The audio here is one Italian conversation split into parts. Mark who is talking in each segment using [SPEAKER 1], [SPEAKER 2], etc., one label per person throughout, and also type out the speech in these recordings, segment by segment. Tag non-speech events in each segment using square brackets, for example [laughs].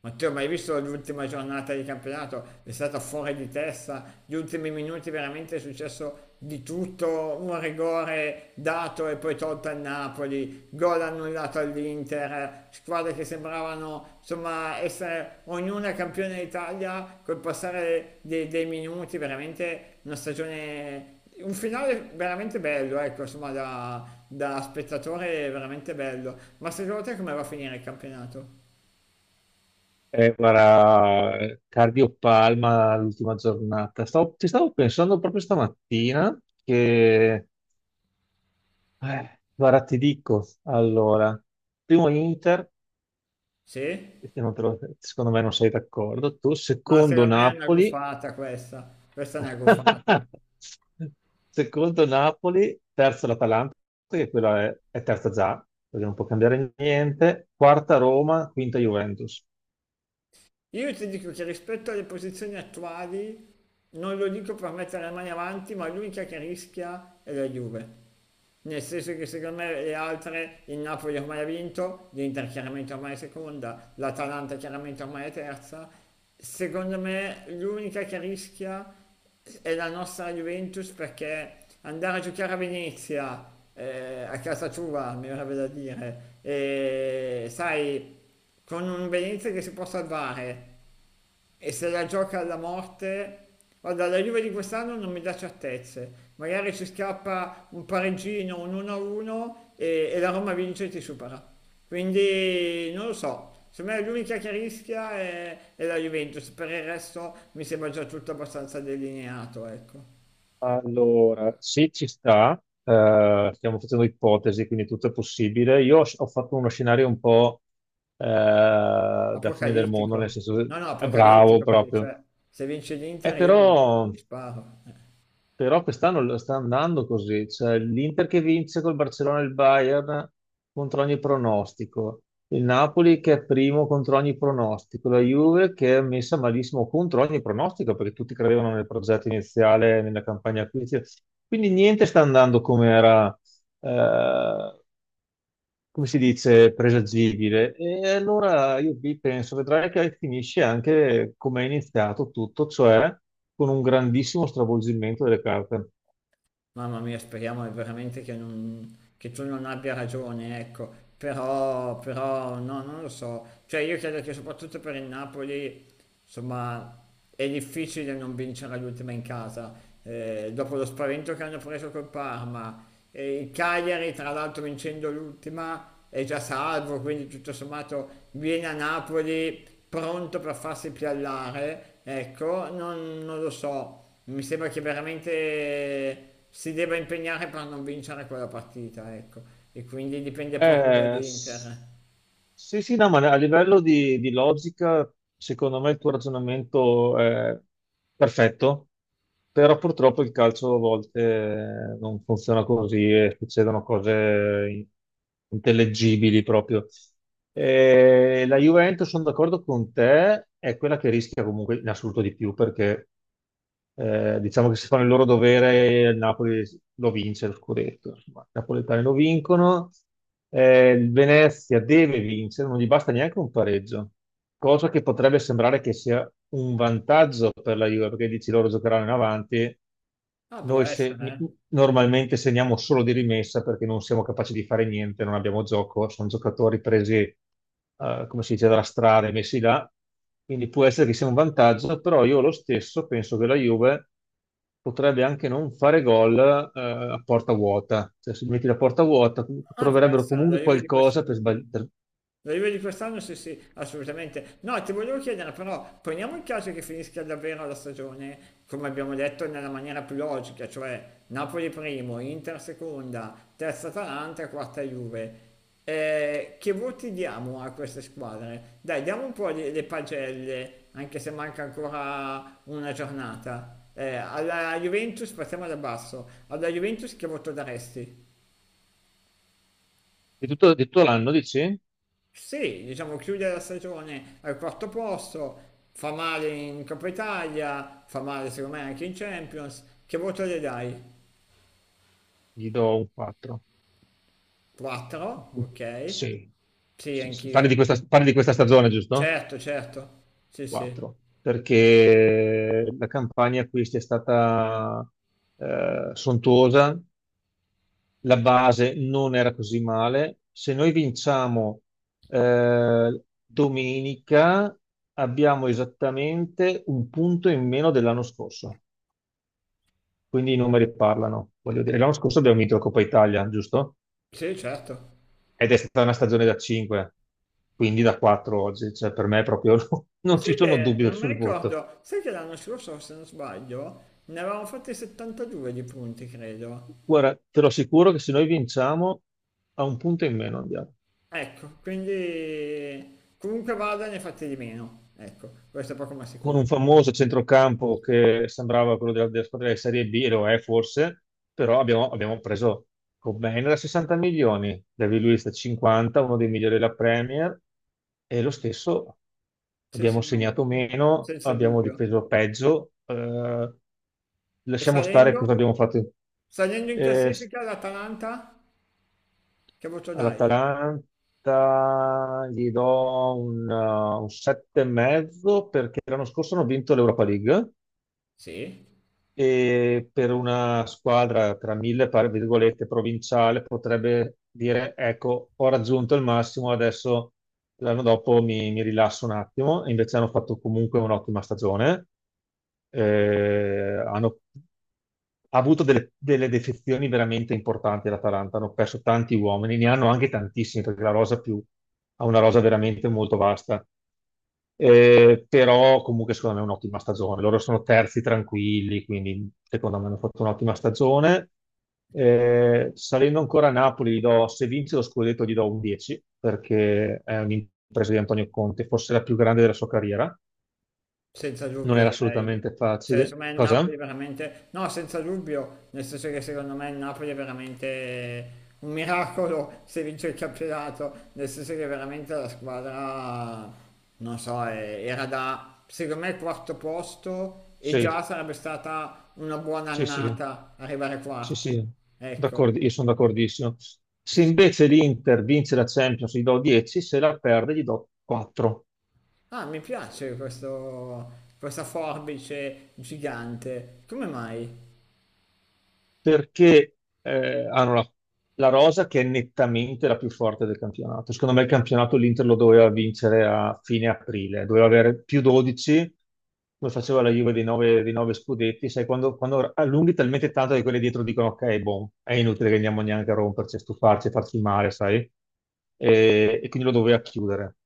[SPEAKER 1] Matteo, ma hai visto l'ultima giornata di campionato? È stata fuori di testa, gli ultimi minuti veramente è successo di tutto, un rigore dato e poi tolto al Napoli, gol annullato all'Inter, squadre che sembravano insomma essere ognuna campione d'Italia col passare dei minuti, veramente una stagione un finale veramente bello, ecco, insomma, da spettatore veramente bello. Ma secondo te come va a finire il campionato?
[SPEAKER 2] Guarda, cardiopalma l'ultima giornata. Ci stavo pensando proprio stamattina che, guarda, ti dico, allora, primo Inter,
[SPEAKER 1] Sì?
[SPEAKER 2] perché non te lo- secondo me non sei d'accordo, tu,
[SPEAKER 1] Ma
[SPEAKER 2] secondo
[SPEAKER 1] secondo me è una
[SPEAKER 2] Napoli,
[SPEAKER 1] gufata questa, questa è una gufata.
[SPEAKER 2] [laughs] secondo Napoli, terzo l'Atalanta, che quella è terza già, perché non può cambiare niente, quarta Roma, quinta Juventus.
[SPEAKER 1] Io ti dico che rispetto alle posizioni attuali, non lo dico per mettere le mani avanti, ma l'unica che rischia è la Juve. Nel senso che secondo me le altre, il Napoli ormai ha vinto, l'Inter chiaramente ormai è seconda, l'Atalanta chiaramente ormai è terza. Secondo me l'unica che rischia è la nostra Juventus perché andare a giocare a Venezia, a casa tua, mi verrebbe da dire, e sai, con un Venezia che si può salvare e se la gioca alla morte. Guarda, la Juve di quest'anno non mi dà certezze. Magari ci scappa un pareggino, un 1-1 e la Roma vince e ti supera. Quindi non lo so. Secondo me l'unica che rischia è la Juventus. Per il resto mi sembra già tutto abbastanza delineato, ecco.
[SPEAKER 2] Allora, se ci sta, stiamo facendo ipotesi, quindi tutto è possibile. Io ho fatto uno scenario un po' eh, da fine del mondo, nel
[SPEAKER 1] Apocalittico.
[SPEAKER 2] senso,
[SPEAKER 1] No, no,
[SPEAKER 2] è bravo
[SPEAKER 1] apocalittico perché
[SPEAKER 2] proprio.
[SPEAKER 1] cioè, se vince
[SPEAKER 2] E
[SPEAKER 1] l'Inter io mi
[SPEAKER 2] però
[SPEAKER 1] mi sparo.
[SPEAKER 2] però quest'anno lo sta andando così, cioè l'Inter che vince col Barcellona e il Bayern contro ogni pronostico, il Napoli che è primo contro ogni pronostico, la Juve che è messa malissimo contro ogni pronostico perché tutti credevano nel progetto iniziale, nella campagna acquisizione. Quindi niente sta andando come era, eh, come si dice, presagibile. E allora io vi penso, vedrai che finisce anche come è iniziato tutto, cioè con un grandissimo stravolgimento delle carte.
[SPEAKER 1] Mamma mia, speriamo veramente che, che tu non abbia ragione, ecco. Però, però, no, non lo so. Cioè, io credo che soprattutto per il Napoli insomma, è difficile non vincere l'ultima in casa, dopo lo spavento che hanno preso col Parma. E il Cagliari, tra l'altro, vincendo l'ultima, è già salvo, quindi tutto sommato viene a Napoli pronto per farsi piallare. Ecco, non lo so, mi sembra che veramente si debba impegnare per non vincere quella partita, ecco. E quindi dipende poco
[SPEAKER 2] Eh, s-
[SPEAKER 1] dall'Inter.
[SPEAKER 2] sì, sì, no, ma a livello di logica, secondo me il tuo ragionamento è perfetto, però purtroppo il calcio a volte non funziona così e succedono cose in- intellegibili proprio. La Juventus, sono d'accordo con te, è quella che rischia comunque in assoluto di più perché diciamo che se fanno il loro dovere, il Napoli lo vince lo scudetto. Insomma, i napoletani lo vincono. Il Venezia deve vincere, non gli basta neanche un pareggio, cosa che potrebbe sembrare che sia un vantaggio per la Juve, perché dici loro giocheranno in avanti.
[SPEAKER 1] Ah, può
[SPEAKER 2] Noi se-
[SPEAKER 1] essere, eh.
[SPEAKER 2] Normalmente segniamo solo di rimessa perché non siamo capaci di fare niente, non abbiamo gioco, sono giocatori presi, come si dice, dalla strada e messi là, quindi può essere che sia un vantaggio, però io lo stesso penso che la Juve potrebbe anche non fare gol, a porta vuota, cioè se metti la porta vuota
[SPEAKER 1] Ah, può
[SPEAKER 2] troverebbero
[SPEAKER 1] essere,
[SPEAKER 2] comunque
[SPEAKER 1] l'arrivo di
[SPEAKER 2] qualcosa
[SPEAKER 1] quest'anno.
[SPEAKER 2] per sbagliare.
[SPEAKER 1] L'arrivo di quest'anno sì, sì, assolutamente. No, ti volevo chiedere, però, poniamo il caso che finisca davvero la stagione, come abbiamo detto, nella maniera più logica, cioè Napoli primo, Inter seconda, terza Atalanta, quarta Juve. Che voti diamo a queste squadre? Dai, diamo un po' le pagelle, anche se manca ancora una giornata. Alla Juventus, partiamo da basso. Alla Juventus che voto daresti?
[SPEAKER 2] Di tutto l'anno, dici?
[SPEAKER 1] Sì, diciamo chiude la stagione al quarto posto, fa male in Coppa Italia, fa male secondo me anche in Champions. Che voto le dai?
[SPEAKER 2] Gli do un 4.
[SPEAKER 1] 4? Ok.
[SPEAKER 2] Sì.
[SPEAKER 1] Sì,
[SPEAKER 2] Sì, sì.
[SPEAKER 1] anch'io.
[SPEAKER 2] Parli di questa stagione, giusto?
[SPEAKER 1] Certo, certo. Sì, sì.
[SPEAKER 2] 4, perché la campagna acquisti è stata sontuosa, la base non era così male. Se noi vinciamo domenica, abbiamo esattamente un punto in meno dell'anno scorso, quindi i numeri parlano. Voglio dire, l'anno scorso abbiamo vinto la Coppa Italia, giusto?
[SPEAKER 1] Sì, certo.
[SPEAKER 2] Ed è stata una stagione da 5, quindi da 4 oggi, cioè per me proprio [laughs] non
[SPEAKER 1] Sai
[SPEAKER 2] ci sono
[SPEAKER 1] che
[SPEAKER 2] dubbi
[SPEAKER 1] non mi
[SPEAKER 2] sul voto.
[SPEAKER 1] ricordo, sai che l'anno scorso, se non sbaglio, ne avevamo fatti 72 di punti, credo.
[SPEAKER 2] Guarda, te lo assicuro che se noi vinciamo a un punto in meno andiamo.
[SPEAKER 1] Ecco, quindi comunque vada ne fate di meno. Ecco, questo è poco ma
[SPEAKER 2] Con
[SPEAKER 1] sicuro.
[SPEAKER 2] un famoso centrocampo che sembrava quello della squadra di Serie B, e lo è forse, però abbiamo preso Cobain da 60 milioni, David Luiz da 50, uno dei migliori della Premier, e lo stesso
[SPEAKER 1] Sì, sì,
[SPEAKER 2] abbiamo
[SPEAKER 1] no. No.
[SPEAKER 2] segnato meno,
[SPEAKER 1] Senza
[SPEAKER 2] abbiamo
[SPEAKER 1] dubbio.
[SPEAKER 2] difeso peggio,
[SPEAKER 1] E
[SPEAKER 2] lasciamo stare
[SPEAKER 1] salendo?
[SPEAKER 2] cosa abbiamo fatto.
[SPEAKER 1] Salendo in
[SPEAKER 2] Eh,
[SPEAKER 1] classifica l'Atalanta? Che voto dai?
[SPEAKER 2] All'Atalanta gli do un, 7 e mezzo perché l'anno scorso hanno vinto l'Europa League
[SPEAKER 1] Sì?
[SPEAKER 2] e per una squadra tra mille virgolette provinciale potrebbe dire ecco ho raggiunto il massimo adesso l'anno dopo mi rilasso un attimo e invece hanno fatto comunque un'ottima stagione. Hanno ha avuto delle defezioni veramente importanti l'Atalanta, hanno perso tanti uomini, ne hanno anche tantissimi perché la rosa più ha una rosa veramente molto vasta, però comunque secondo me è un'ottima stagione. Loro sono terzi tranquilli, quindi secondo me hanno fatto un'ottima stagione. Salendo ancora a Napoli, se vince lo scudetto gli do un 10, perché è un'impresa di Antonio Conte, forse la più grande della sua carriera.
[SPEAKER 1] Senza
[SPEAKER 2] Non
[SPEAKER 1] dubbio
[SPEAKER 2] era
[SPEAKER 1] direi.
[SPEAKER 2] assolutamente
[SPEAKER 1] Cioè,
[SPEAKER 2] facile.
[SPEAKER 1] secondo me il
[SPEAKER 2] Cosa?
[SPEAKER 1] Napoli veramente... No, senza dubbio, nel senso che secondo me il Napoli è veramente un miracolo se vince il campionato, nel senso che veramente la squadra, non so, era da, secondo me, quarto posto e
[SPEAKER 2] Sì,
[SPEAKER 1] già sarebbe stata una buona
[SPEAKER 2] sì, sì,
[SPEAKER 1] annata arrivare
[SPEAKER 2] sì,
[SPEAKER 1] quarti.
[SPEAKER 2] sì.
[SPEAKER 1] Ecco,
[SPEAKER 2] Io sono d'accordissimo. Se invece l'Inter vince la Champions, gli do 10, se la perde gli do 4.
[SPEAKER 1] ah, mi piace questo, questa forbice gigante. Come mai?
[SPEAKER 2] Perché hanno la rosa che è nettamente la più forte del campionato. Secondo me il campionato l'Inter lo doveva vincere a fine aprile, doveva avere più 12, come faceva la Juve di 9, scudetti. Sai, quando allunghi talmente tanto che quelli dietro dicono ok, boh, è inutile che andiamo neanche a romperci, a stufarci, a farci male, sai? E quindi lo doveva chiudere,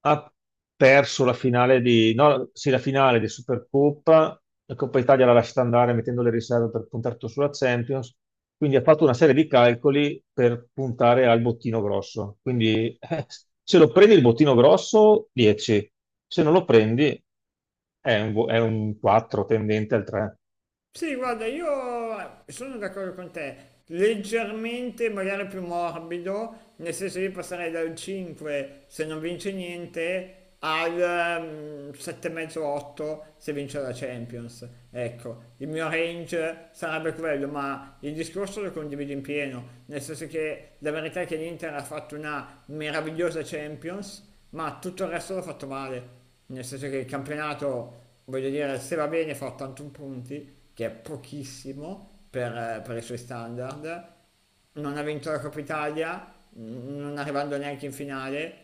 [SPEAKER 2] ha perso la finale di, no, sì, la finale di Supercoppa, la Coppa Italia l'ha lasciata andare mettendo le riserve per puntare tutto sulla Champions, quindi ha fatto una serie di calcoli per puntare al bottino grosso. Quindi [laughs] se lo prendi il bottino grosso, 10, se non lo prendi è è un 4 tendente al 3.
[SPEAKER 1] Sì, guarda, io sono d'accordo con te, leggermente magari più morbido, nel senso io passerei dal 5 se non vince niente al 7,5-8 se vince la Champions. Ecco, il mio range sarebbe quello, ma il discorso lo condivido in pieno, nel senso che la verità è che l'Inter ha fatto una meravigliosa Champions, ma tutto il resto l'ha fatto male nel senso che il campionato, voglio dire, se va bene fa 81 punti, che è pochissimo per i suoi standard, non ha vinto la Coppa Italia, non arrivando neanche in finale,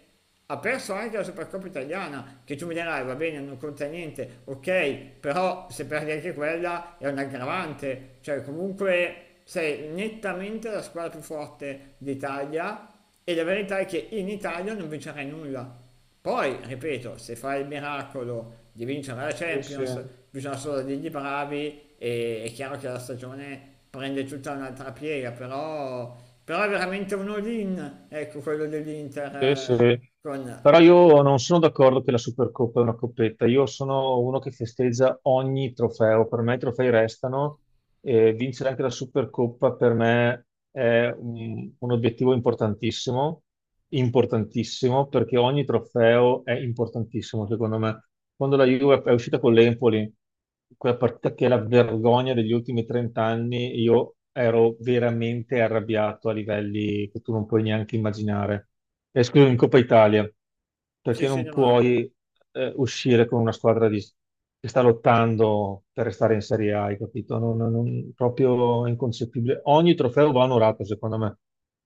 [SPEAKER 1] ha perso anche la Supercoppa italiana, che tu mi dirai va bene, non conta niente, ok, però se perdi anche quella è un aggravante, cioè comunque sei nettamente la squadra più forte d'Italia e la verità è che in Italia non vincerai nulla, poi, ripeto, se fa il miracolo di vincere la
[SPEAKER 2] Sì, sì,
[SPEAKER 1] Champions, bisogna solo dirgli bravi e è chiaro che la stagione prende tutta un'altra piega, però, è veramente un all-in, ecco quello dell'Inter
[SPEAKER 2] sì,
[SPEAKER 1] eh,
[SPEAKER 2] sì.
[SPEAKER 1] con...
[SPEAKER 2] Però io non sono d'accordo che la Supercoppa è una coppetta. Io sono uno che festeggia ogni trofeo. Per me i trofei restano. E vincere anche la Supercoppa per me è un obiettivo importantissimo, importantissimo, perché ogni trofeo è importantissimo, secondo me. Quando la Juve è uscita con l'Empoli, quella partita che è la vergogna degli ultimi 30 anni, io ero veramente arrabbiato a livelli che tu non puoi neanche immaginare. E scusami, in Coppa Italia
[SPEAKER 1] Sì,
[SPEAKER 2] perché
[SPEAKER 1] sì,
[SPEAKER 2] non
[SPEAKER 1] domanda.
[SPEAKER 2] puoi uscire con una squadra che sta lottando per restare in Serie A, hai capito? Proprio inconcepibile. Ogni trofeo va onorato, secondo me.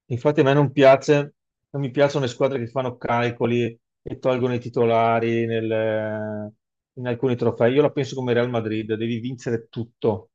[SPEAKER 2] Infatti a me non piace, non mi piacciono le squadre che fanno calcoli e tolgono i titolari in alcuni trofei. Io la penso come Real Madrid, devi vincere tutto.